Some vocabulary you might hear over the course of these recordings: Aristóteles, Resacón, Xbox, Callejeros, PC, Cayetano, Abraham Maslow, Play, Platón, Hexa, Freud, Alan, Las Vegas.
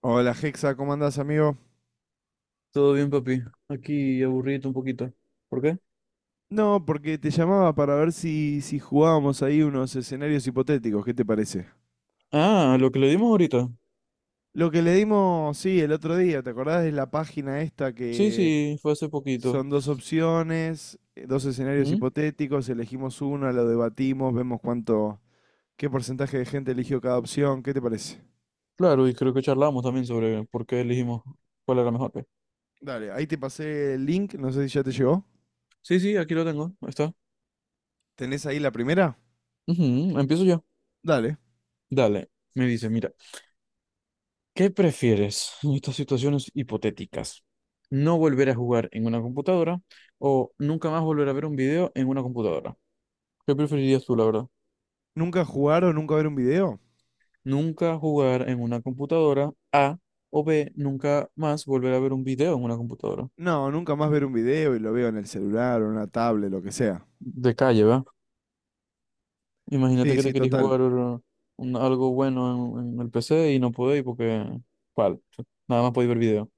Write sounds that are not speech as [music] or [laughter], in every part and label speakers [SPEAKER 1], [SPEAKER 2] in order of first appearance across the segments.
[SPEAKER 1] Hola Hexa, ¿cómo andás, amigo?
[SPEAKER 2] Todo bien, papi. Aquí aburrido un poquito. ¿Por qué?
[SPEAKER 1] No, porque te llamaba para ver si jugábamos ahí unos escenarios hipotéticos, ¿qué te parece?
[SPEAKER 2] Ah, lo que le dimos ahorita.
[SPEAKER 1] Lo que le dimos, sí, el otro día, ¿te acordás de la página esta
[SPEAKER 2] Sí,
[SPEAKER 1] que
[SPEAKER 2] sí, fue hace poquito.
[SPEAKER 1] son dos opciones, dos escenarios
[SPEAKER 2] Mm,
[SPEAKER 1] hipotéticos, elegimos uno, lo debatimos, vemos cuánto, qué porcentaje de gente eligió cada opción, ¿qué te parece?
[SPEAKER 2] Claro, y creo que charlamos también sobre por qué elegimos cuál era mejor, pues.
[SPEAKER 1] Dale, ahí te pasé el link, no sé si ya te llegó.
[SPEAKER 2] Sí, sí, aquí lo tengo. Ahí está.
[SPEAKER 1] ¿Tenés ahí la primera?
[SPEAKER 2] Ujú, empiezo yo.
[SPEAKER 1] Dale.
[SPEAKER 2] Dale. Me dice, mira, ¿qué prefieres en estas situaciones hipotéticas? ¿No volver a jugar en una computadora o nunca más volver a ver un video en una computadora? ¿Qué preferirías tú, la verdad?
[SPEAKER 1] ¿Nunca jugar o nunca ver un video?
[SPEAKER 2] Nunca jugar en una computadora. A o B, nunca más volver a ver un video en una computadora.
[SPEAKER 1] No, nunca más ver un video y lo veo en el celular o en una tablet, lo que sea.
[SPEAKER 2] De calle, ¿va? Imagínate
[SPEAKER 1] Sí,
[SPEAKER 2] que
[SPEAKER 1] sí,
[SPEAKER 2] te querés
[SPEAKER 1] total.
[SPEAKER 2] jugar algo bueno en el PC y no podéis porque... ¿Cuál? Nada más podéis ver video.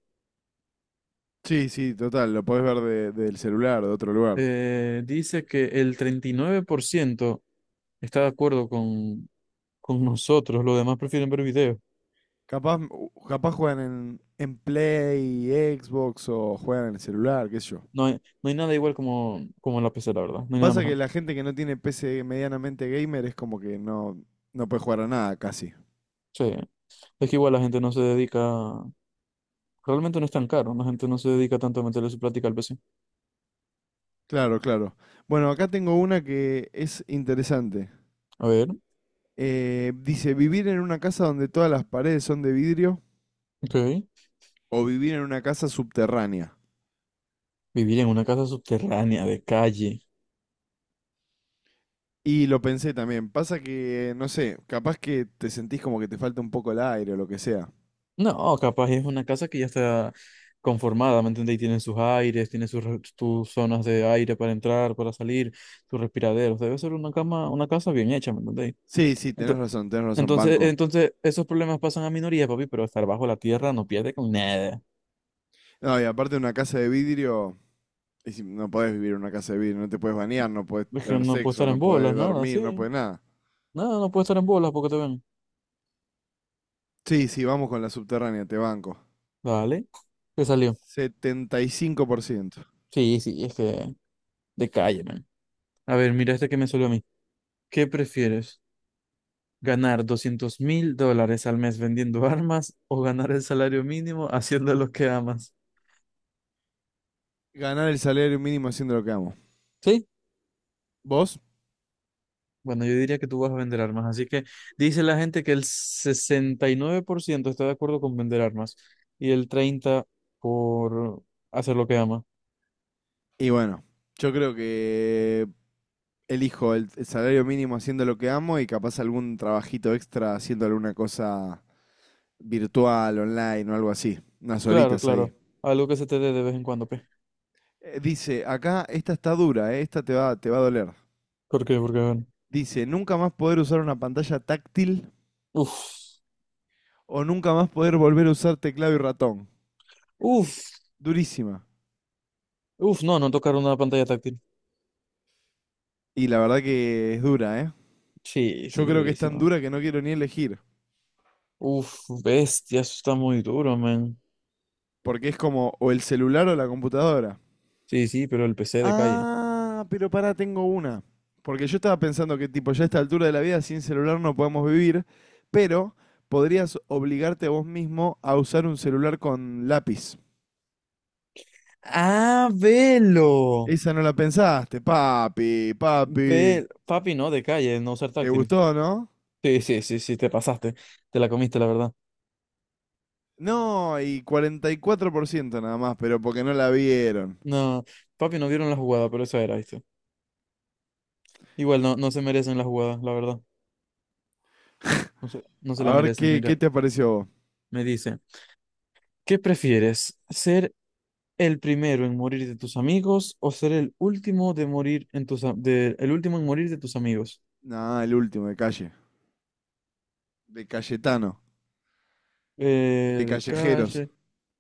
[SPEAKER 1] Sí, sí, total. Lo podés ver del celular, de otro lugar.
[SPEAKER 2] Dice que el 39% está de acuerdo con nosotros. Los demás prefieren ver video.
[SPEAKER 1] Capaz, capaz juegan en Play, Xbox o juegan en el celular, qué sé yo.
[SPEAKER 2] No hay, no hay nada igual como en la PC, la verdad. No hay nada
[SPEAKER 1] Pasa que
[SPEAKER 2] mejor.
[SPEAKER 1] la gente que no tiene PC medianamente gamer es como que no, no puede jugar a nada casi.
[SPEAKER 2] Sí. Es que igual la gente no se dedica realmente no es tan caro, la gente no se dedica tanto a meterle su plática al PC.
[SPEAKER 1] Claro, claro. Bueno, acá tengo una que es interesante.
[SPEAKER 2] A ver,
[SPEAKER 1] Dice, vivir en una casa donde todas las paredes son de vidrio
[SPEAKER 2] ok.
[SPEAKER 1] o vivir en una casa subterránea.
[SPEAKER 2] Vivir en una casa subterránea de calle.
[SPEAKER 1] Y lo pensé también. Pasa que, no sé, capaz que te sentís como que te falta un poco el aire o lo que sea.
[SPEAKER 2] No, capaz es una casa que ya está conformada, ¿me entiendes? Y tiene sus aires, tiene sus, tus zonas de aire para entrar, para salir, sus respiraderos. Debe ser una cama, una casa bien hecha, ¿me entendéis?
[SPEAKER 1] Sí, sí,
[SPEAKER 2] Ento-
[SPEAKER 1] tenés razón,
[SPEAKER 2] Entonces,
[SPEAKER 1] banco.
[SPEAKER 2] entonces, esos problemas pasan a minorías, papi, pero estar bajo la tierra no pierde con nada.
[SPEAKER 1] No, y aparte una casa de vidrio, y no podés vivir en una casa de vidrio, no te podés bañar, no podés
[SPEAKER 2] Es que
[SPEAKER 1] tener
[SPEAKER 2] no puede
[SPEAKER 1] sexo,
[SPEAKER 2] estar en
[SPEAKER 1] no
[SPEAKER 2] bolas,
[SPEAKER 1] podés
[SPEAKER 2] nada, sí.
[SPEAKER 1] dormir, no podés nada.
[SPEAKER 2] Nada, no puede estar en bolas porque te ven.
[SPEAKER 1] Sí, sí, vamos con la subterránea, te banco.
[SPEAKER 2] Dale. ¿Qué salió?
[SPEAKER 1] Setenta y cinco por ciento.
[SPEAKER 2] Sí, sí, es que de calle, man. A ver, mira este que me salió a mí. ¿Qué prefieres? ¿Ganar $200,000 al mes vendiendo [laughs] armas o ganar el salario mínimo haciendo lo que amas?
[SPEAKER 1] Ganar el salario mínimo haciendo lo que amo.
[SPEAKER 2] Sí.
[SPEAKER 1] ¿Vos?
[SPEAKER 2] Bueno, yo diría que tú vas a vender armas. Así que dice la gente que el 69% está de acuerdo con vender armas y el 30% por ciento por hacer lo que ama.
[SPEAKER 1] Y bueno, yo creo que elijo el salario mínimo haciendo lo que amo y capaz algún trabajito extra haciendo alguna cosa virtual, online o algo así. Unas
[SPEAKER 2] Claro,
[SPEAKER 1] horitas ahí.
[SPEAKER 2] claro. Algo que se te dé de vez en cuando, pe.
[SPEAKER 1] Dice, acá esta está dura, esta te va a doler.
[SPEAKER 2] ¿Por qué? Porque, bueno.
[SPEAKER 1] Dice, nunca más poder usar una pantalla táctil
[SPEAKER 2] Uf,
[SPEAKER 1] o nunca más poder volver a usar teclado y ratón.
[SPEAKER 2] uf,
[SPEAKER 1] Durísima.
[SPEAKER 2] uf. No, no tocaron una pantalla táctil.
[SPEAKER 1] Y la verdad que es dura, ¿eh?
[SPEAKER 2] Sí, sí,
[SPEAKER 1] Yo creo que es tan
[SPEAKER 2] durísimo.
[SPEAKER 1] dura que no quiero ni elegir.
[SPEAKER 2] Uf, bestia, eso está muy duro, man.
[SPEAKER 1] Porque es como o el celular o la computadora.
[SPEAKER 2] Sí, sí, pero el PC de calle.
[SPEAKER 1] Ah, pero para tengo una. Porque yo estaba pensando que tipo, ya a esta altura de la vida sin celular no podemos vivir, pero podrías obligarte a vos mismo a usar un celular con lápiz.
[SPEAKER 2] Ah, velo.
[SPEAKER 1] Esa no la pensaste, papi, papi.
[SPEAKER 2] Ve, papi, no, de calle, no ser
[SPEAKER 1] ¿Te
[SPEAKER 2] táctil.
[SPEAKER 1] gustó, no?
[SPEAKER 2] Sí, sí, sí, sí, te pasaste. Te la comiste, la verdad.
[SPEAKER 1] No, y 44% nada más, pero porque no la vieron.
[SPEAKER 2] No, papi, no vieron la jugada, pero eso era, ¿viste? Igual no, no se merecen las jugadas, la verdad. No se la
[SPEAKER 1] A ver,
[SPEAKER 2] merecen.
[SPEAKER 1] qué
[SPEAKER 2] Mira,
[SPEAKER 1] te pareció a vos?
[SPEAKER 2] me dice, ¿qué prefieres? ¿Ser el primero en morir de tus amigos o ser el último de morir en tus, el último en morir de tus amigos?
[SPEAKER 1] Nah, el último, de calle. De Cayetano, de
[SPEAKER 2] De
[SPEAKER 1] Callejeros.
[SPEAKER 2] calle,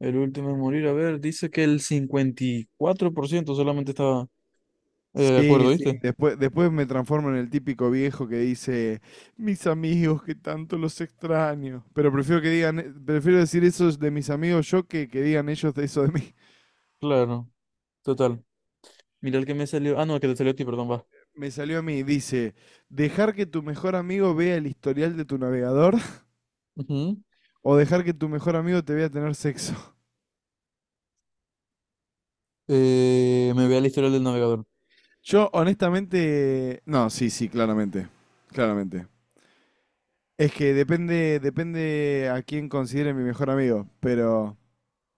[SPEAKER 2] el último en morir, a ver, dice que el 54% solamente estaba de
[SPEAKER 1] Sí,
[SPEAKER 2] acuerdo,
[SPEAKER 1] sí.
[SPEAKER 2] ¿viste?
[SPEAKER 1] Después, después me transformo en el típico viejo que dice, mis amigos, que tanto los extraño. Pero prefiero que digan, prefiero decir eso de mis amigos yo que digan ellos de eso de mí.
[SPEAKER 2] Claro, total. Mira el que me salió. Ah, no, el que te salió a ti, perdón, va.
[SPEAKER 1] Me salió a mí, dice, dejar que tu mejor amigo vea el historial de tu navegador
[SPEAKER 2] Ujú.
[SPEAKER 1] o dejar que tu mejor amigo te vea tener sexo.
[SPEAKER 2] Me vea el historial del navegador.
[SPEAKER 1] Yo honestamente, no, sí, sí, claramente, claramente. Es que depende, depende a quién considere mi mejor amigo, pero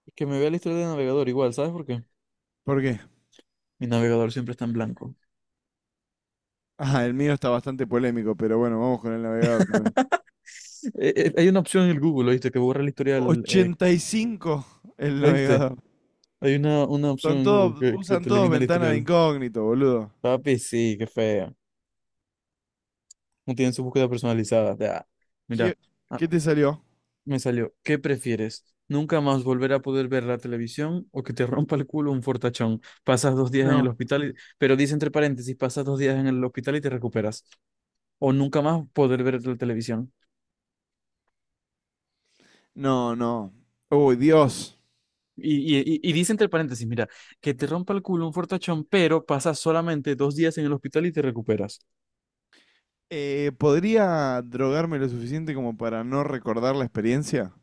[SPEAKER 2] Es que me vea el historial del navegador igual, ¿sabes por qué?
[SPEAKER 1] ¿por qué?
[SPEAKER 2] Mi navegador siempre está en blanco.
[SPEAKER 1] Ah, el mío está bastante polémico, pero bueno, vamos con el navegador también.
[SPEAKER 2] Hay una opción en el Google, ¿oíste? Que borra el historial.
[SPEAKER 1] 85 el
[SPEAKER 2] ¿Oíste?
[SPEAKER 1] navegador.
[SPEAKER 2] Hay una opción
[SPEAKER 1] Son
[SPEAKER 2] en Google
[SPEAKER 1] todos,
[SPEAKER 2] que
[SPEAKER 1] usan
[SPEAKER 2] te
[SPEAKER 1] todos
[SPEAKER 2] elimina el
[SPEAKER 1] ventana de
[SPEAKER 2] historial.
[SPEAKER 1] incógnito, boludo.
[SPEAKER 2] Papi, sí, qué feo. No tienen su búsqueda personalizada. Ah, mira.
[SPEAKER 1] ¿Qué,
[SPEAKER 2] ah,
[SPEAKER 1] qué te salió?
[SPEAKER 2] Me salió, ¿qué prefieres? ¿Nunca más volver a poder ver la televisión o que te rompa el culo un fortachón? Pasas 2 días en el
[SPEAKER 1] No.
[SPEAKER 2] hospital, pero dice entre paréntesis, pasas 2 días en el hospital y te recuperas. O nunca más poder ver la televisión.
[SPEAKER 1] No, no. Uy, Dios.
[SPEAKER 2] Y dice entre paréntesis, mira, que te rompa el culo un fortachón, pero pasas solamente 2 días en el hospital y te recuperas.
[SPEAKER 1] ¿Podría drogarme lo suficiente como para no recordar la experiencia?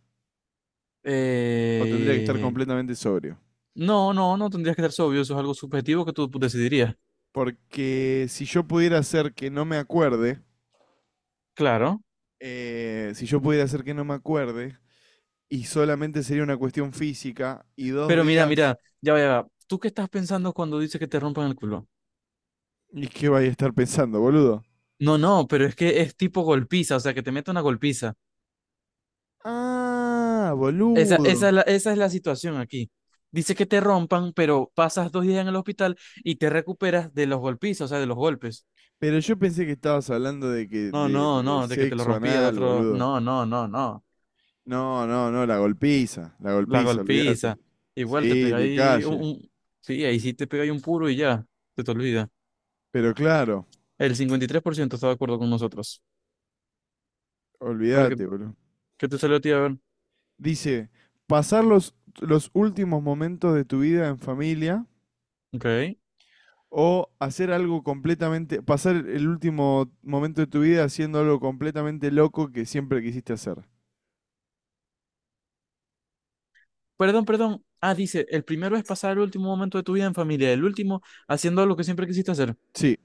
[SPEAKER 1] ¿O tendría que estar
[SPEAKER 2] Eh,
[SPEAKER 1] completamente sobrio?
[SPEAKER 2] No, no, no tendrías que ser sobrio, eso es algo subjetivo que tú decidirías.
[SPEAKER 1] Porque si yo pudiera hacer que no me acuerde,
[SPEAKER 2] Claro.
[SPEAKER 1] si yo pudiera hacer que no me acuerde, y solamente sería una cuestión física, y dos
[SPEAKER 2] Pero mira,
[SPEAKER 1] días,
[SPEAKER 2] mira, ya va, ya va. ¿Tú qué estás pensando cuando dice que te rompan el culo?
[SPEAKER 1] ¿y qué vaya a estar pensando, boludo?
[SPEAKER 2] No, no, pero es que es tipo golpiza, o sea, que te mete una golpiza.
[SPEAKER 1] Ah,
[SPEAKER 2] Esa,
[SPEAKER 1] boludo.
[SPEAKER 2] esa, es la, esa es la situación aquí. Dice que te rompan, pero pasas 2 días en el hospital y te recuperas de los golpizas, o sea, de los golpes.
[SPEAKER 1] Pero yo pensé que estabas hablando de
[SPEAKER 2] No, no,
[SPEAKER 1] de
[SPEAKER 2] no, de que te lo
[SPEAKER 1] sexo
[SPEAKER 2] rompía de
[SPEAKER 1] anal,
[SPEAKER 2] otro.
[SPEAKER 1] boludo.
[SPEAKER 2] No, no, no, no.
[SPEAKER 1] No, no, no, la
[SPEAKER 2] La
[SPEAKER 1] golpiza, olvídate.
[SPEAKER 2] golpiza. Igual te
[SPEAKER 1] Sí,
[SPEAKER 2] pega
[SPEAKER 1] de
[SPEAKER 2] ahí un,
[SPEAKER 1] calle.
[SPEAKER 2] un- Sí, ahí sí te pega ahí un puro y ya, se te olvida.
[SPEAKER 1] Pero claro,
[SPEAKER 2] El 53% está de acuerdo con nosotros. A ver, ¿qué,
[SPEAKER 1] olvídate, boludo.
[SPEAKER 2] qué te salió a ti? A ver.
[SPEAKER 1] Dice, pasar los últimos momentos de tu vida en familia
[SPEAKER 2] Ok.
[SPEAKER 1] o hacer algo completamente, pasar el último momento de tu vida haciendo algo completamente loco que siempre quisiste hacer.
[SPEAKER 2] Perdón, perdón. Ah, dice, el primero es pasar el último momento de tu vida en familia, el último haciendo lo que siempre quisiste hacer.
[SPEAKER 1] Sí,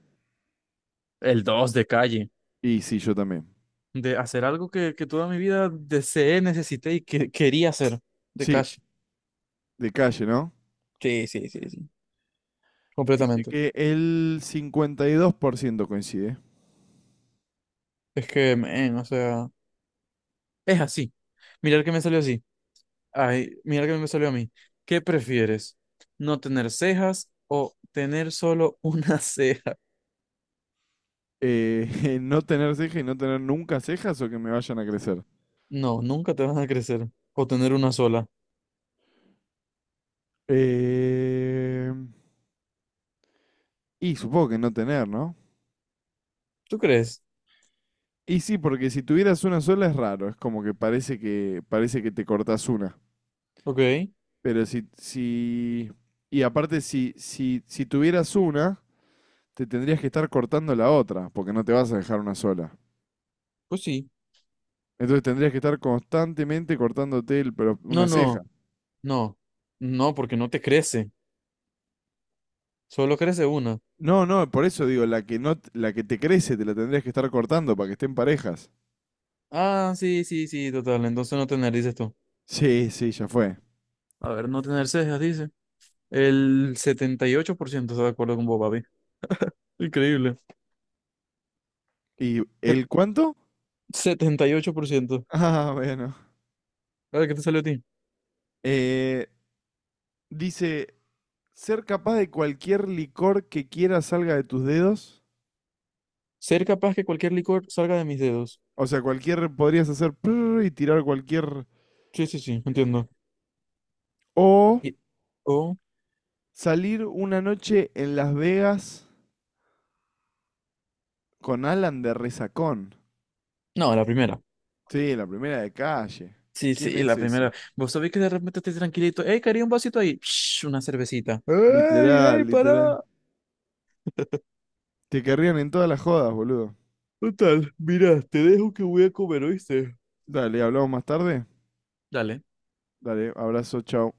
[SPEAKER 2] El dos de calle,
[SPEAKER 1] y sí, yo también.
[SPEAKER 2] de hacer algo que toda mi vida deseé, necesité y que quería hacer de
[SPEAKER 1] Sí,
[SPEAKER 2] calle.
[SPEAKER 1] de calle, ¿no?
[SPEAKER 2] Sí, sí, sí, sí.
[SPEAKER 1] Dice
[SPEAKER 2] Completamente.
[SPEAKER 1] que el 52% coincide.
[SPEAKER 2] Es que, men, o sea, es así. Mirar que me salió así. Ay, mirar que me salió a mí. ¿Qué prefieres? ¿No tener cejas o tener solo una [laughs] ceja?
[SPEAKER 1] [laughs] No tener ceja y no tener nunca cejas o que me vayan a crecer.
[SPEAKER 2] No, nunca te van a crecer. O tener una sola.
[SPEAKER 1] Eh, y supongo que no tener, ¿no?
[SPEAKER 2] ¿Tú crees?
[SPEAKER 1] Y sí, porque si tuvieras una sola es raro, es como que parece que parece que te cortas una.
[SPEAKER 2] Ok,
[SPEAKER 1] Pero si y aparte si, si tuvieras una, te tendrías que estar cortando la otra, porque no te vas a dejar una sola.
[SPEAKER 2] pues sí.
[SPEAKER 1] Entonces tendrías que estar constantemente cortándote el, pero una
[SPEAKER 2] No, no,
[SPEAKER 1] ceja.
[SPEAKER 2] no, no, porque no te crece, solo crece una.
[SPEAKER 1] No, no, por eso digo, la que no, la que te crece te la tendrías que estar cortando para que estén parejas.
[SPEAKER 2] Ah, sí, sí, sí, total, entonces no tener, dices tú.
[SPEAKER 1] Sí, sí, ya fue.
[SPEAKER 2] A ver, no tener cejas, dice. El 78%, está de acuerdo con vos, papi. Increíble.
[SPEAKER 1] ¿Y
[SPEAKER 2] Se-
[SPEAKER 1] el cuánto? [laughs]
[SPEAKER 2] 78%.
[SPEAKER 1] Ah, bueno.
[SPEAKER 2] A ver, ¿qué te salió a ti?
[SPEAKER 1] Eh, dice, ser capaz de cualquier licor que quieras salga de tus dedos.
[SPEAKER 2] Ser capaz que cualquier licor salga de mis dedos.
[SPEAKER 1] O sea, cualquier, podrías hacer prrr y tirar cualquier...
[SPEAKER 2] Sí, sí, sí, entiendo.
[SPEAKER 1] O
[SPEAKER 2] Y- O...
[SPEAKER 1] salir una noche en Las Vegas con Alan de Resacón.
[SPEAKER 2] No, la primera.
[SPEAKER 1] Sí, la primera de calle.
[SPEAKER 2] Sí,
[SPEAKER 1] ¿Quién
[SPEAKER 2] sí,
[SPEAKER 1] es
[SPEAKER 2] la
[SPEAKER 1] ese?
[SPEAKER 2] primera. Vos sabés que de repente estés tranquilito. ¡Ey, quería un vasito ahí! Psh, una cervecita. ¡Ey,
[SPEAKER 1] Literal,
[SPEAKER 2] ey,
[SPEAKER 1] literal.
[SPEAKER 2] pará!
[SPEAKER 1] Te querrían en todas las jodas, boludo.
[SPEAKER 2] Total, mira, te dejo que voy a comer, ¿oíste?
[SPEAKER 1] Dale, hablamos más tarde.
[SPEAKER 2] Dale.
[SPEAKER 1] Dale, abrazo, chao.